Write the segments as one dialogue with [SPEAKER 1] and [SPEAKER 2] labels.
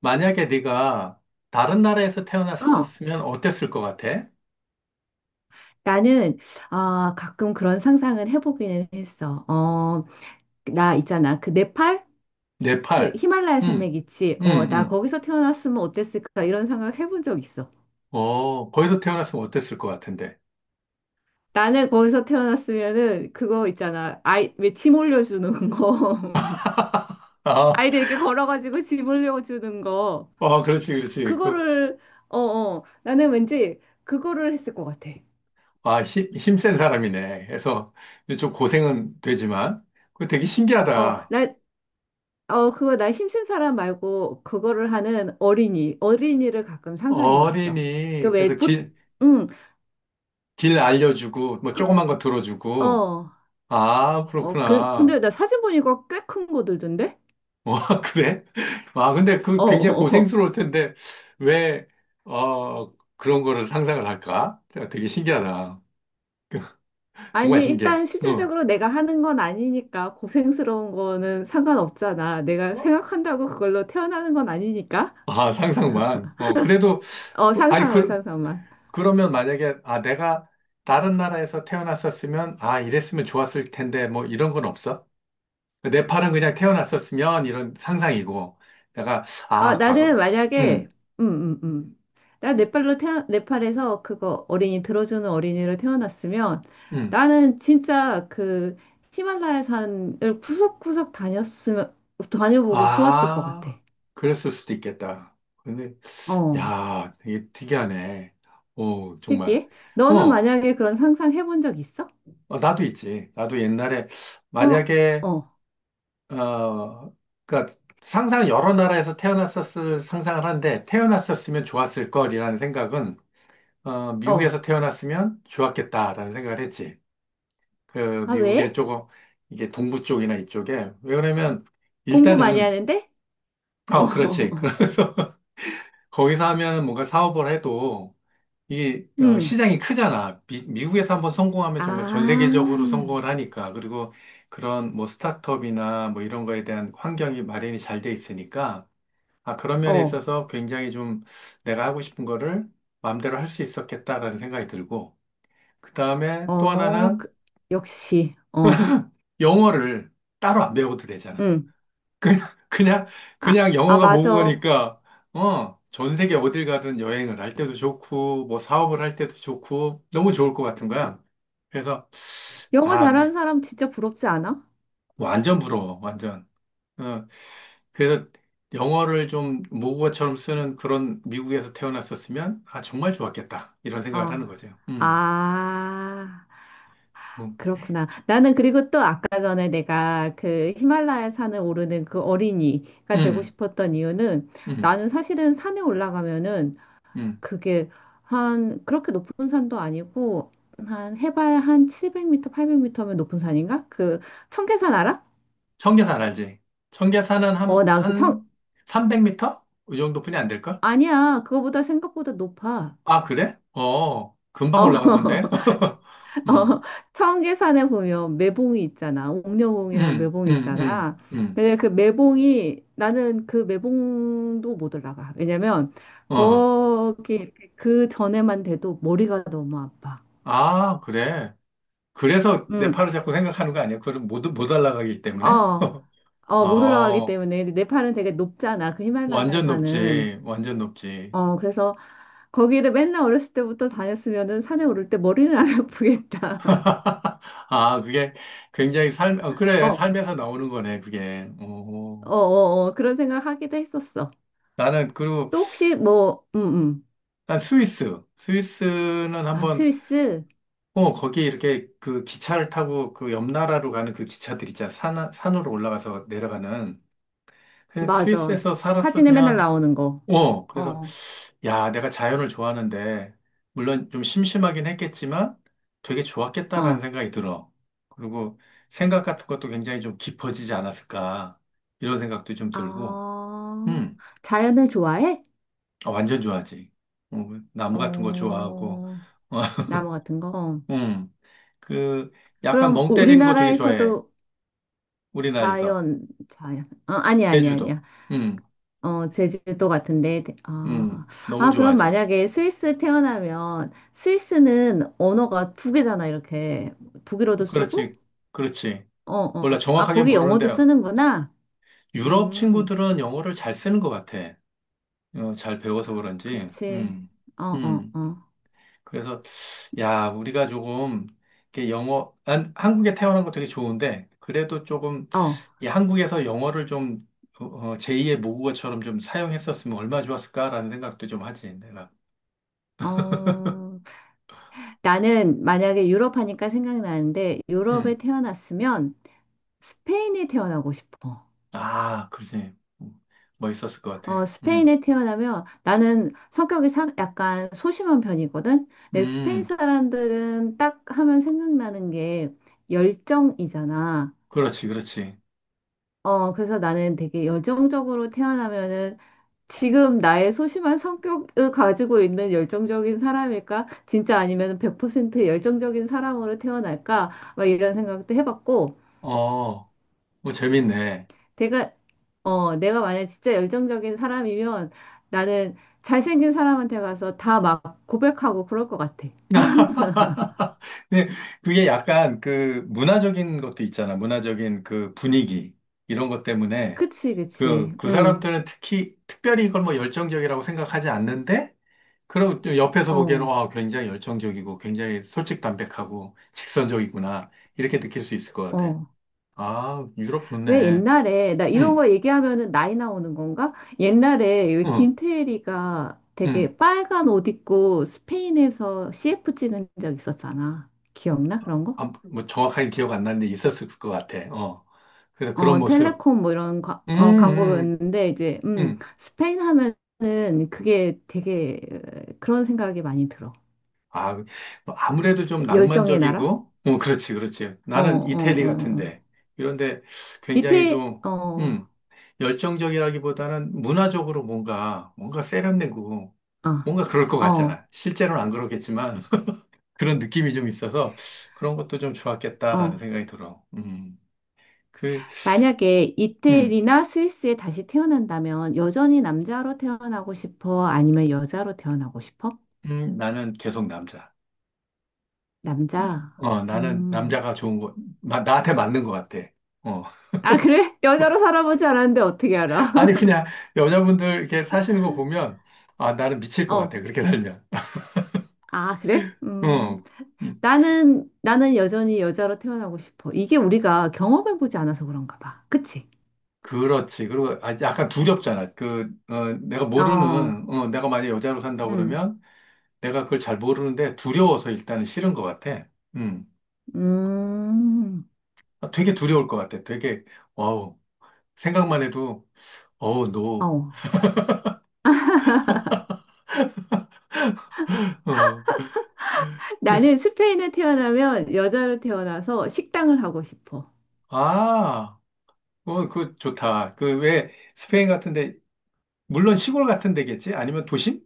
[SPEAKER 1] 만약에 네가 다른 나라에서
[SPEAKER 2] 어,
[SPEAKER 1] 태어났었으면 어땠을 것 같아?
[SPEAKER 2] 나는 가끔 그런 상상은 해보기는 했어. 나 있잖아. 그 네팔? 그
[SPEAKER 1] 네팔.
[SPEAKER 2] 히말라야
[SPEAKER 1] 응
[SPEAKER 2] 산맥 있지?
[SPEAKER 1] 응
[SPEAKER 2] 나
[SPEAKER 1] 응
[SPEAKER 2] 거기서 태어났으면 어땠을까? 이런 생각 해본 적 있어.
[SPEAKER 1] 어, 거기서 태어났으면 어땠을 것 같은데.
[SPEAKER 2] 나는 거기서 태어났으면은 그거 있잖아. 아이, 왜 짐 올려주는 거.
[SPEAKER 1] 아,
[SPEAKER 2] 아이들 이렇게 걸어가지고 짐 올려주는 거.
[SPEAKER 1] 어, 그렇지, 그렇지. 그,
[SPEAKER 2] 그거를, 나는 왠지 그거를 했을 것 같아.
[SPEAKER 1] 아, 힘센 사람이네. 그래서 좀 고생은 되지만, 그 되게
[SPEAKER 2] 어,
[SPEAKER 1] 신기하다.
[SPEAKER 2] 나, 그거 나 힘센 사람 말고 그거를 하는 어린이를 가끔 상상해 봤어. 그
[SPEAKER 1] 어린이,
[SPEAKER 2] 왜,
[SPEAKER 1] 그래서
[SPEAKER 2] 보,
[SPEAKER 1] 길,
[SPEAKER 2] 응,
[SPEAKER 1] 길 알려주고, 뭐
[SPEAKER 2] 그,
[SPEAKER 1] 조그만 거 들어주고.
[SPEAKER 2] 어,
[SPEAKER 1] 아,
[SPEAKER 2] 그,
[SPEAKER 1] 그렇구나.
[SPEAKER 2] 근데 나 사진 보니까 꽤 큰 거들던데?
[SPEAKER 1] 와, 그래? 와, 근데
[SPEAKER 2] 어,
[SPEAKER 1] 그 굉장히
[SPEAKER 2] 어, 어.
[SPEAKER 1] 고생스러울 텐데, 왜, 어, 그런 거를 상상을 할까? 제가 되게 신기하다.
[SPEAKER 2] 아니,
[SPEAKER 1] 정말 신기해.
[SPEAKER 2] 일단
[SPEAKER 1] 응.
[SPEAKER 2] 실질적으로 내가 하는 건 아니니까 고생스러운 거는 상관없잖아. 내가
[SPEAKER 1] 어?
[SPEAKER 2] 생각한다고 그걸로 태어나는 건 아니니까.
[SPEAKER 1] 아, 상상만. 어, 그래도, 아니,
[SPEAKER 2] 상상만,
[SPEAKER 1] 그,
[SPEAKER 2] 상상만.
[SPEAKER 1] 그러면 만약에, 아, 내가 다른 나라에서 태어났었으면, 아, 이랬으면 좋았을 텐데, 뭐, 이런 건 없어? 네팔은 그냥 태어났었으면, 이런 상상이고, 내가,
[SPEAKER 2] 아,
[SPEAKER 1] 아, 과거,
[SPEAKER 2] 나는
[SPEAKER 1] 응,
[SPEAKER 2] 만약에, 음, 음, 음. 나 네팔로 태어, 네팔에서 그거 어린이 들어주는 어린이로 태어났으면
[SPEAKER 1] 응.
[SPEAKER 2] 나는 진짜 그 히말라야 산을 구석구석 다녔으면, 다녀보고 좋았을 것 같아.
[SPEAKER 1] 아, 그랬을 수도 있겠다. 근데
[SPEAKER 2] 어,
[SPEAKER 1] 야, 되게 특이하네. 오, 정말.
[SPEAKER 2] 특이해? 너는
[SPEAKER 1] 어,
[SPEAKER 2] 만약에 그런 상상 해본 적 있어?
[SPEAKER 1] 어, 나도 있지. 나도 옛날에,
[SPEAKER 2] 그럼,
[SPEAKER 1] 만약에,
[SPEAKER 2] 어,
[SPEAKER 1] 어, 그니까 상상 여러 나라에서 태어났었을 상상을 한데, 태어났었으면 좋았을 걸이라는 생각은, 어,
[SPEAKER 2] 어.
[SPEAKER 1] 미국에서 태어났으면 좋았겠다라는 생각을 했지. 그,
[SPEAKER 2] 아,
[SPEAKER 1] 미국의
[SPEAKER 2] 왜?
[SPEAKER 1] 조금, 이게 동부 쪽이나 이쪽에. 왜 그러냐면,
[SPEAKER 2] 공부 많이
[SPEAKER 1] 일단은,
[SPEAKER 2] 하는데? 어,
[SPEAKER 1] 어, 그렇지. 그래서, 거기서 하면 뭔가 사업을 해도, 이게 어,
[SPEAKER 2] 음.
[SPEAKER 1] 시장이 크잖아. 미국에서 한번 성공하면
[SPEAKER 2] 아,
[SPEAKER 1] 정말 전 세계적으로 성공을 하니까. 그리고 그런 뭐 스타트업이나 뭐 이런 거에 대한 환경이 마련이 잘 돼 있으니까. 아, 그런 면에
[SPEAKER 2] 어,
[SPEAKER 1] 있어서 굉장히 좀 내가 하고 싶은 거를 마음대로 할 수 있었겠다라는 생각이 들고. 그 다음에 또
[SPEAKER 2] 어,
[SPEAKER 1] 하나는
[SPEAKER 2] 그, 역시, 어,
[SPEAKER 1] 영어를 따로 안 배워도 되잖아.
[SPEAKER 2] 응.
[SPEAKER 1] 그냥, 그냥,
[SPEAKER 2] 아,
[SPEAKER 1] 그냥
[SPEAKER 2] 아,
[SPEAKER 1] 영어가
[SPEAKER 2] 맞아.
[SPEAKER 1] 모국어니까, 어, 전 세계 어딜 가든 여행을 할 때도 좋고, 뭐 사업을 할 때도 좋고, 너무 좋을 것 같은 거야. 그래서,
[SPEAKER 2] 영어
[SPEAKER 1] 아, 미-
[SPEAKER 2] 잘하는 사람 진짜 부럽지 않아?
[SPEAKER 1] 완전 부러워, 완전. 어, 그래서 영어를 좀 모국어처럼 쓰는 그런 미국에서 태어났었으면, 아, 정말 좋았겠다. 이런 생각을
[SPEAKER 2] 어.
[SPEAKER 1] 하는 거죠.
[SPEAKER 2] 아,
[SPEAKER 1] 음,
[SPEAKER 2] 그렇구나. 나는 그리고 또 아까 전에 내가 그 히말라야 산을 오르는 그 어린이가 되고
[SPEAKER 1] 음,
[SPEAKER 2] 싶었던 이유는
[SPEAKER 1] 음.
[SPEAKER 2] 나는 사실은 산에 올라가면은
[SPEAKER 1] 음.
[SPEAKER 2] 그게 한 그렇게 높은 산도 아니고 한 해발 한 700m, 800m면 높은 산인가? 그 청계산 알아?
[SPEAKER 1] 청계산 알지? 청계산은
[SPEAKER 2] 어,
[SPEAKER 1] 한,
[SPEAKER 2] 난 그
[SPEAKER 1] 한
[SPEAKER 2] 청,
[SPEAKER 1] 300m? 이 정도뿐이 안 될걸?
[SPEAKER 2] 아니야. 그거보다 생각보다 높아.
[SPEAKER 1] 아, 그래? 어, 금방 올라가던데.
[SPEAKER 2] 어. 어,
[SPEAKER 1] 음,
[SPEAKER 2] 청계산에 보면 매봉이 있잖아. 옥녀봉이랑
[SPEAKER 1] 음,
[SPEAKER 2] 매봉이
[SPEAKER 1] 음, 음,
[SPEAKER 2] 있잖아.
[SPEAKER 1] 음,
[SPEAKER 2] 근데 그 매봉이 나는 그 매봉도 못 올라가. 왜냐면
[SPEAKER 1] 어.
[SPEAKER 2] 거기 이렇게 그 전에만 돼도 머리가 너무 아파.
[SPEAKER 1] 아, 그래. 그래서
[SPEAKER 2] 응,
[SPEAKER 1] 네팔을 자꾸 생각하는 거 아니야? 그럼 못 올라가기 때문에?
[SPEAKER 2] 어, 어, 못 올라가기
[SPEAKER 1] 어,
[SPEAKER 2] 때문에 근데 네팔은 되게 높잖아. 그 히말라야
[SPEAKER 1] 완전
[SPEAKER 2] 산은.
[SPEAKER 1] 높지. 완전 높지.
[SPEAKER 2] 어, 그래서 거기를 맨날 어렸을 때부터 다녔으면은 산에 오를 때 머리는 안 아프겠다.
[SPEAKER 1] 아, 그게 굉장히 삶, 어,
[SPEAKER 2] 어,
[SPEAKER 1] 그래.
[SPEAKER 2] 어,
[SPEAKER 1] 삶에서 나오는 거네, 그게. 어,
[SPEAKER 2] 어, 어, 그런 생각 하기도 했었어.
[SPEAKER 1] 나는, 그리고,
[SPEAKER 2] 또 혹시 뭐,
[SPEAKER 1] 난 스위스. 스위스는
[SPEAKER 2] 아,
[SPEAKER 1] 한번
[SPEAKER 2] 스위스?
[SPEAKER 1] 어, 거기 이렇게 그 기차를 타고 그 옆 나라로 가는 그 기차들 있잖아. 산, 산으로 올라가서 내려가는. 그냥
[SPEAKER 2] 맞아.
[SPEAKER 1] 스위스에서
[SPEAKER 2] 사진에 맨날
[SPEAKER 1] 살았으면,
[SPEAKER 2] 나오는 거.
[SPEAKER 1] 어, 그래서,
[SPEAKER 2] 어,
[SPEAKER 1] 야, 내가 자연을 좋아하는데, 물론 좀 심심하긴 했겠지만, 되게 좋았겠다라는
[SPEAKER 2] 어.
[SPEAKER 1] 생각이 들어. 그리고 생각 같은 것도 굉장히 좀 깊어지지 않았을까. 이런 생각도 좀 들고,
[SPEAKER 2] 아,
[SPEAKER 1] 음,
[SPEAKER 2] 자연을 좋아해?
[SPEAKER 1] 아, 완전 좋아하지. 어, 나무 같은 거 좋아하고,
[SPEAKER 2] 어, 나무 같은 거? 어.
[SPEAKER 1] 음, 그, 약간
[SPEAKER 2] 그럼
[SPEAKER 1] 멍 때리는 거 되게 좋아해.
[SPEAKER 2] 우리나라에서도
[SPEAKER 1] 우리나라에서.
[SPEAKER 2] 자연, 자연. 어, 아니야, 아니야,
[SPEAKER 1] 제주도.
[SPEAKER 2] 아니야.
[SPEAKER 1] 음,
[SPEAKER 2] 어, 제주도 같은데. 대- 아,
[SPEAKER 1] 너무
[SPEAKER 2] 아, 그럼
[SPEAKER 1] 좋아하지.
[SPEAKER 2] 만약에 스위스 태어나면 스위스는 언어가 두 개잖아, 이렇게. 독일어도 쓰고?
[SPEAKER 1] 그렇지, 그렇지.
[SPEAKER 2] 어,
[SPEAKER 1] 몰라,
[SPEAKER 2] 어. 아,
[SPEAKER 1] 정확하게
[SPEAKER 2] 거기
[SPEAKER 1] 모르는데,
[SPEAKER 2] 영어도 쓰는구나.
[SPEAKER 1] 유럽
[SPEAKER 2] 음.
[SPEAKER 1] 친구들은 영어를 잘 쓰는 것 같아. 어, 잘 배워서 그런지.
[SPEAKER 2] 그치. 어, 어,
[SPEAKER 1] 음.
[SPEAKER 2] 어.
[SPEAKER 1] 그래서, 야, 우리가 조금, 이렇게 영어, 난 한국에 태어난 거 되게 좋은데, 그래도 조금,
[SPEAKER 2] 어.
[SPEAKER 1] 이 한국에서 영어를 좀, 어, 어, 제2의 모국어처럼 좀 사용했었으면 얼마나 좋았을까라는 생각도 좀 하지, 내가.
[SPEAKER 2] 어, 나는 만약에 유럽 하니까 생각나는데 유럽에
[SPEAKER 1] 음,
[SPEAKER 2] 태어났으면 스페인에 태어나고 싶어.
[SPEAKER 1] 아, 그러지. 음, 멋있었을 것
[SPEAKER 2] 어,
[SPEAKER 1] 같아. 음.
[SPEAKER 2] 스페인에 태어나면 나는 성격이 사- 약간 소심한 편이거든. 근데 스페인
[SPEAKER 1] 음,
[SPEAKER 2] 사람들은 딱 하면 생각나는 게 열정이잖아.
[SPEAKER 1] 그렇지, 그렇지.
[SPEAKER 2] 어, 그래서 나는 되게 열정적으로 태어나면은 지금 나의 소심한 성격을 가지고 있는 열정적인 사람일까? 진짜 아니면 100% 열정적인 사람으로 태어날까? 막 이런 생각도 해봤고,
[SPEAKER 1] 어, 뭐 재밌네.
[SPEAKER 2] 내가, 어, 내가 만약 진짜 열정적인 사람이면 나는 잘생긴 사람한테 가서 다 막 고백하고 그럴 것 같아.
[SPEAKER 1] 근데 그게 약간 그 문화적인 것도 있잖아. 문화적인 그 분위기 이런 것 때문에
[SPEAKER 2] 그치, 그치.
[SPEAKER 1] 그, 그
[SPEAKER 2] 응,
[SPEAKER 1] 사람들은 특히 특별히 이걸 뭐 열정적이라고 생각하지 않는데 그리고 또 옆에서 보기에는
[SPEAKER 2] 어,
[SPEAKER 1] 와, 굉장히 열정적이고 굉장히 솔직담백하고 직선적이구나 이렇게 느낄 수 있을 것 같아.
[SPEAKER 2] 어.
[SPEAKER 1] 아, 유럽
[SPEAKER 2] 왜
[SPEAKER 1] 좋네.
[SPEAKER 2] 옛날에, 나 이런
[SPEAKER 1] 음,
[SPEAKER 2] 거 얘기하면은 나이 나오는 건가? 옛날에 왜
[SPEAKER 1] 음,
[SPEAKER 2] 김태리가
[SPEAKER 1] 음.
[SPEAKER 2] 되게 빨간 옷 입고 스페인에서 CF 찍은 적 있었잖아. 기억나? 그런 거?
[SPEAKER 1] 아, 뭐 정확하게 기억 안 나는데 있었을 것 같아. 어. 그래서 그런
[SPEAKER 2] 어,
[SPEAKER 1] 모습.
[SPEAKER 2] 텔레콤 뭐 이런 과- 어,
[SPEAKER 1] 음, 음,
[SPEAKER 2] 광고였는데, 이제,
[SPEAKER 1] 음.
[SPEAKER 2] 스페인 하면은 그게 되게 어, 그런 생각이 많이 들어.
[SPEAKER 1] 아, 뭐 아무래도 좀
[SPEAKER 2] 스페- 열정의 나라?
[SPEAKER 1] 낭만적이고, 어, 그렇지, 그렇지.
[SPEAKER 2] 어, 어,
[SPEAKER 1] 나는 이태리
[SPEAKER 2] 어, 어.
[SPEAKER 1] 같은데. 이런데 굉장히
[SPEAKER 2] 이태,
[SPEAKER 1] 좀,
[SPEAKER 2] 어,
[SPEAKER 1] 음, 열정적이라기보다는 문화적으로 뭔가, 뭔가 세련되고,
[SPEAKER 2] 아,
[SPEAKER 1] 뭔가 그럴 것
[SPEAKER 2] 어,
[SPEAKER 1] 같잖아. 실제로는 안 그렇겠지만, 그런 느낌이 좀 있어서, 그런 것도 좀 좋았겠다라는
[SPEAKER 2] 어.
[SPEAKER 1] 생각이 들어. 그,
[SPEAKER 2] 만약에
[SPEAKER 1] 음,
[SPEAKER 2] 이태리나 스위스에 다시 태어난다면 여전히 남자로 태어나고 싶어? 아니면 여자로 태어나고 싶어?
[SPEAKER 1] 나는 계속 남자.
[SPEAKER 2] 남자.
[SPEAKER 1] 어, 나는
[SPEAKER 2] 음.
[SPEAKER 1] 남자가 좋은 거, 나한테 맞는 것 같아. 어.
[SPEAKER 2] 아, 그래? 여자로 살아보지 않았는데 어떻게 알아?
[SPEAKER 1] 아니, 그냥 여자분들 이렇게 사시는 거 보면, 아, 나는 미칠 것
[SPEAKER 2] 어.
[SPEAKER 1] 같아. 그렇게 살면.
[SPEAKER 2] 아, 그래? 음.
[SPEAKER 1] 어, 이-
[SPEAKER 2] 나는 여전히 여자로 태어나고 싶어. 이게 우리가 경험해보지 않아서 그런가 봐. 그치?
[SPEAKER 1] 그렇지. 그리고 아, 약간 두렵잖아. 그, 어, 내가
[SPEAKER 2] 어.
[SPEAKER 1] 모르는, 어, 내가 만약에 여자로 산다고
[SPEAKER 2] 음.
[SPEAKER 1] 그러면 내가 그걸 잘 모르는데 두려워서 일단은 싫은 것 같아. 음.
[SPEAKER 2] 음.
[SPEAKER 1] 아, 되게 두려울 것 같아. 되게, 어우, 생각만 해도, 어우,
[SPEAKER 2] 어.
[SPEAKER 1] 노. 어, 그,
[SPEAKER 2] 나는 스페인에 태어나면 여자로 태어나서 식당을 하고 싶어.
[SPEAKER 1] 아, 어, 그 좋다. 그 왜 스페인 같은데 물론 시골 같은 데겠지? 아니면 도심?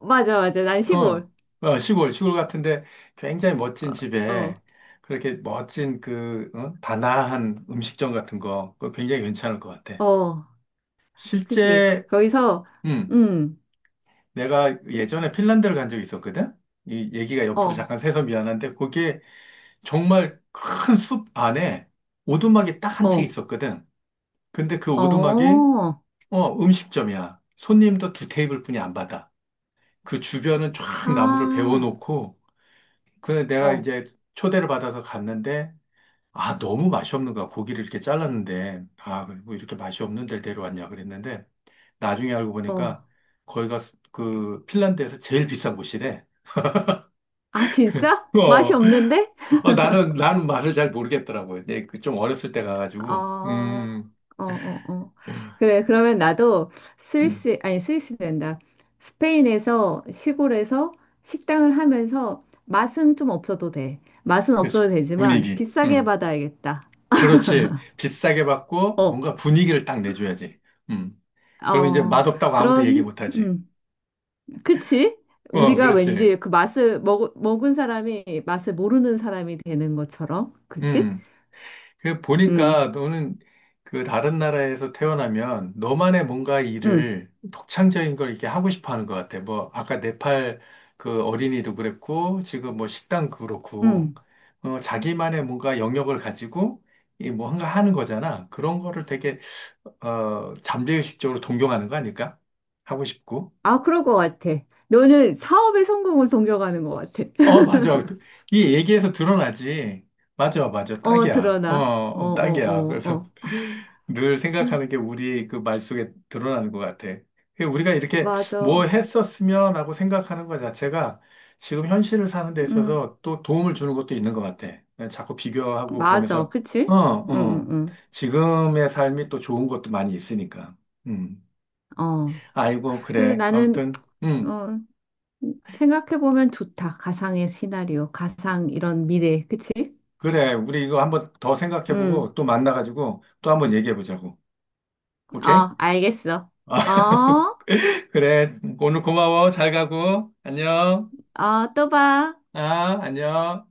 [SPEAKER 2] 맞아, 맞아. 난
[SPEAKER 1] 어,
[SPEAKER 2] 시골.
[SPEAKER 1] 어, 시골 같은데 굉장히 멋진
[SPEAKER 2] 어,
[SPEAKER 1] 집에
[SPEAKER 2] 어,
[SPEAKER 1] 그렇게 멋진 그, 어? 다나한 음식점 같은 거, 그거 굉장히 괜찮을 것 같아.
[SPEAKER 2] 어, 그지.
[SPEAKER 1] 실제,
[SPEAKER 2] 거기서,
[SPEAKER 1] 음,
[SPEAKER 2] 음,
[SPEAKER 1] 내가
[SPEAKER 2] 시-
[SPEAKER 1] 예전에 핀란드를 간 적이 있었거든? 이 얘기가 옆으로
[SPEAKER 2] 어,
[SPEAKER 1] 잠깐 새서 미안한데, 거기에 정말 큰 숲 안에 오두막이 딱 한 채
[SPEAKER 2] 어,
[SPEAKER 1] 있었거든. 근데 그 오두막이,
[SPEAKER 2] 어,
[SPEAKER 1] 어, 음식점이야. 손님도 두 테이블뿐이 안 받아. 그 주변은 쫙 나무를
[SPEAKER 2] 아,
[SPEAKER 1] 베워놓고, 그 내가
[SPEAKER 2] 어,
[SPEAKER 1] 이제 초대를 받아서 갔는데, 아, 너무 맛이 없는 거야. 고기를 이렇게 잘랐는데, 아, 뭐 이렇게 맛이 없는 데를 데려왔냐 그랬는데, 나중에 알고 보니까
[SPEAKER 2] 어.
[SPEAKER 1] 거기가 그 핀란드에서 제일 비싼 곳이래.
[SPEAKER 2] 아, 진짜? 맛이
[SPEAKER 1] 어.
[SPEAKER 2] 없는데?
[SPEAKER 1] 아, 나는, 나는 맛을 잘 모르겠더라고요. 내 그 좀 어렸을 때 가가지고,
[SPEAKER 2] 아, 어, 어, 어. 그래, 그러면 나도
[SPEAKER 1] 음,
[SPEAKER 2] 스위스, 아니, 스위스 된다. 스페인에서, 시골에서 식당을 하면서 맛은 좀 없어도 돼. 맛은
[SPEAKER 1] 그래서
[SPEAKER 2] 없어도 되지만
[SPEAKER 1] 분위기,
[SPEAKER 2] 비싸게 받아야겠다.
[SPEAKER 1] 그렇지. 비싸게 받고
[SPEAKER 2] 어,
[SPEAKER 1] 뭔가 분위기를 딱 내줘야지. 음, 그러면 이제
[SPEAKER 2] 어,
[SPEAKER 1] 맛없다고 아무도 얘기
[SPEAKER 2] 그런,
[SPEAKER 1] 못하지.
[SPEAKER 2] 음. 그치?
[SPEAKER 1] 어,
[SPEAKER 2] 우리가
[SPEAKER 1] 그렇지.
[SPEAKER 2] 왠지 그 맛을 먹, 먹은 사람이 맛을 모르는 사람이 되는 것처럼, 그치?
[SPEAKER 1] 음, 그
[SPEAKER 2] 응,
[SPEAKER 1] 보니까 너는 그 다른 나라에서 태어나면 너만의 뭔가
[SPEAKER 2] 응,
[SPEAKER 1] 일을 독창적인 걸 이렇게 하고 싶어 하는 것 같아. 뭐 아까 네팔 그 어린이도 그랬고 지금 뭐 식당 그렇고
[SPEAKER 2] 응.
[SPEAKER 1] 어, 자기만의 뭔가 영역을 가지고 이 뭔가 하는 거잖아. 그런 거를 되게 어 잠재의식적으로 동경하는 거 아닐까? 하고 싶고.
[SPEAKER 2] 아, 그럴 것 같아. 너는 사업의 성공을 동경하는 것 같아.
[SPEAKER 1] 어, 맞아. 그, 이 얘기에서 드러나지. 맞아, 맞아.
[SPEAKER 2] 어,
[SPEAKER 1] 딱이야. 어,
[SPEAKER 2] 드러나. 어, 어,
[SPEAKER 1] 어, 딱이야.
[SPEAKER 2] 어,
[SPEAKER 1] 그래서
[SPEAKER 2] 어.
[SPEAKER 1] 늘
[SPEAKER 2] 음,
[SPEAKER 1] 생각하는 게 우리 그 말 속에 드러나는 것 같아. 그 우리가 이렇게 뭐
[SPEAKER 2] 맞아.
[SPEAKER 1] 했었으면 하고 생각하는 것 자체가 지금 현실을 사는 데
[SPEAKER 2] 응,
[SPEAKER 1] 있어서 또 도움을 주는 것도 있는 것 같아. 자꾸 비교하고
[SPEAKER 2] 맞아.
[SPEAKER 1] 그러면서, 어,
[SPEAKER 2] 그치? 응,
[SPEAKER 1] 어.
[SPEAKER 2] 응,
[SPEAKER 1] 지금의 삶이 또 좋은 것도 많이 있으니까. 음.
[SPEAKER 2] 응. 어.
[SPEAKER 1] 아이고,
[SPEAKER 2] 그래서
[SPEAKER 1] 그래.
[SPEAKER 2] 나는,
[SPEAKER 1] 아무튼,
[SPEAKER 2] 어, 생각해보면 좋다. 가상의 시나리오, 가상 이런 미래. 그치?
[SPEAKER 1] 그래, 우리 이거 한번 더
[SPEAKER 2] 응.
[SPEAKER 1] 생각해보고 또 만나가지고 또 한번 얘기해보자고. 오케이?
[SPEAKER 2] 어, 알겠어.
[SPEAKER 1] 아,
[SPEAKER 2] 어?
[SPEAKER 1] 그래. 오늘 고마워. 잘 가고. 안녕.
[SPEAKER 2] 어, 또 봐.
[SPEAKER 1] 아, 안녕.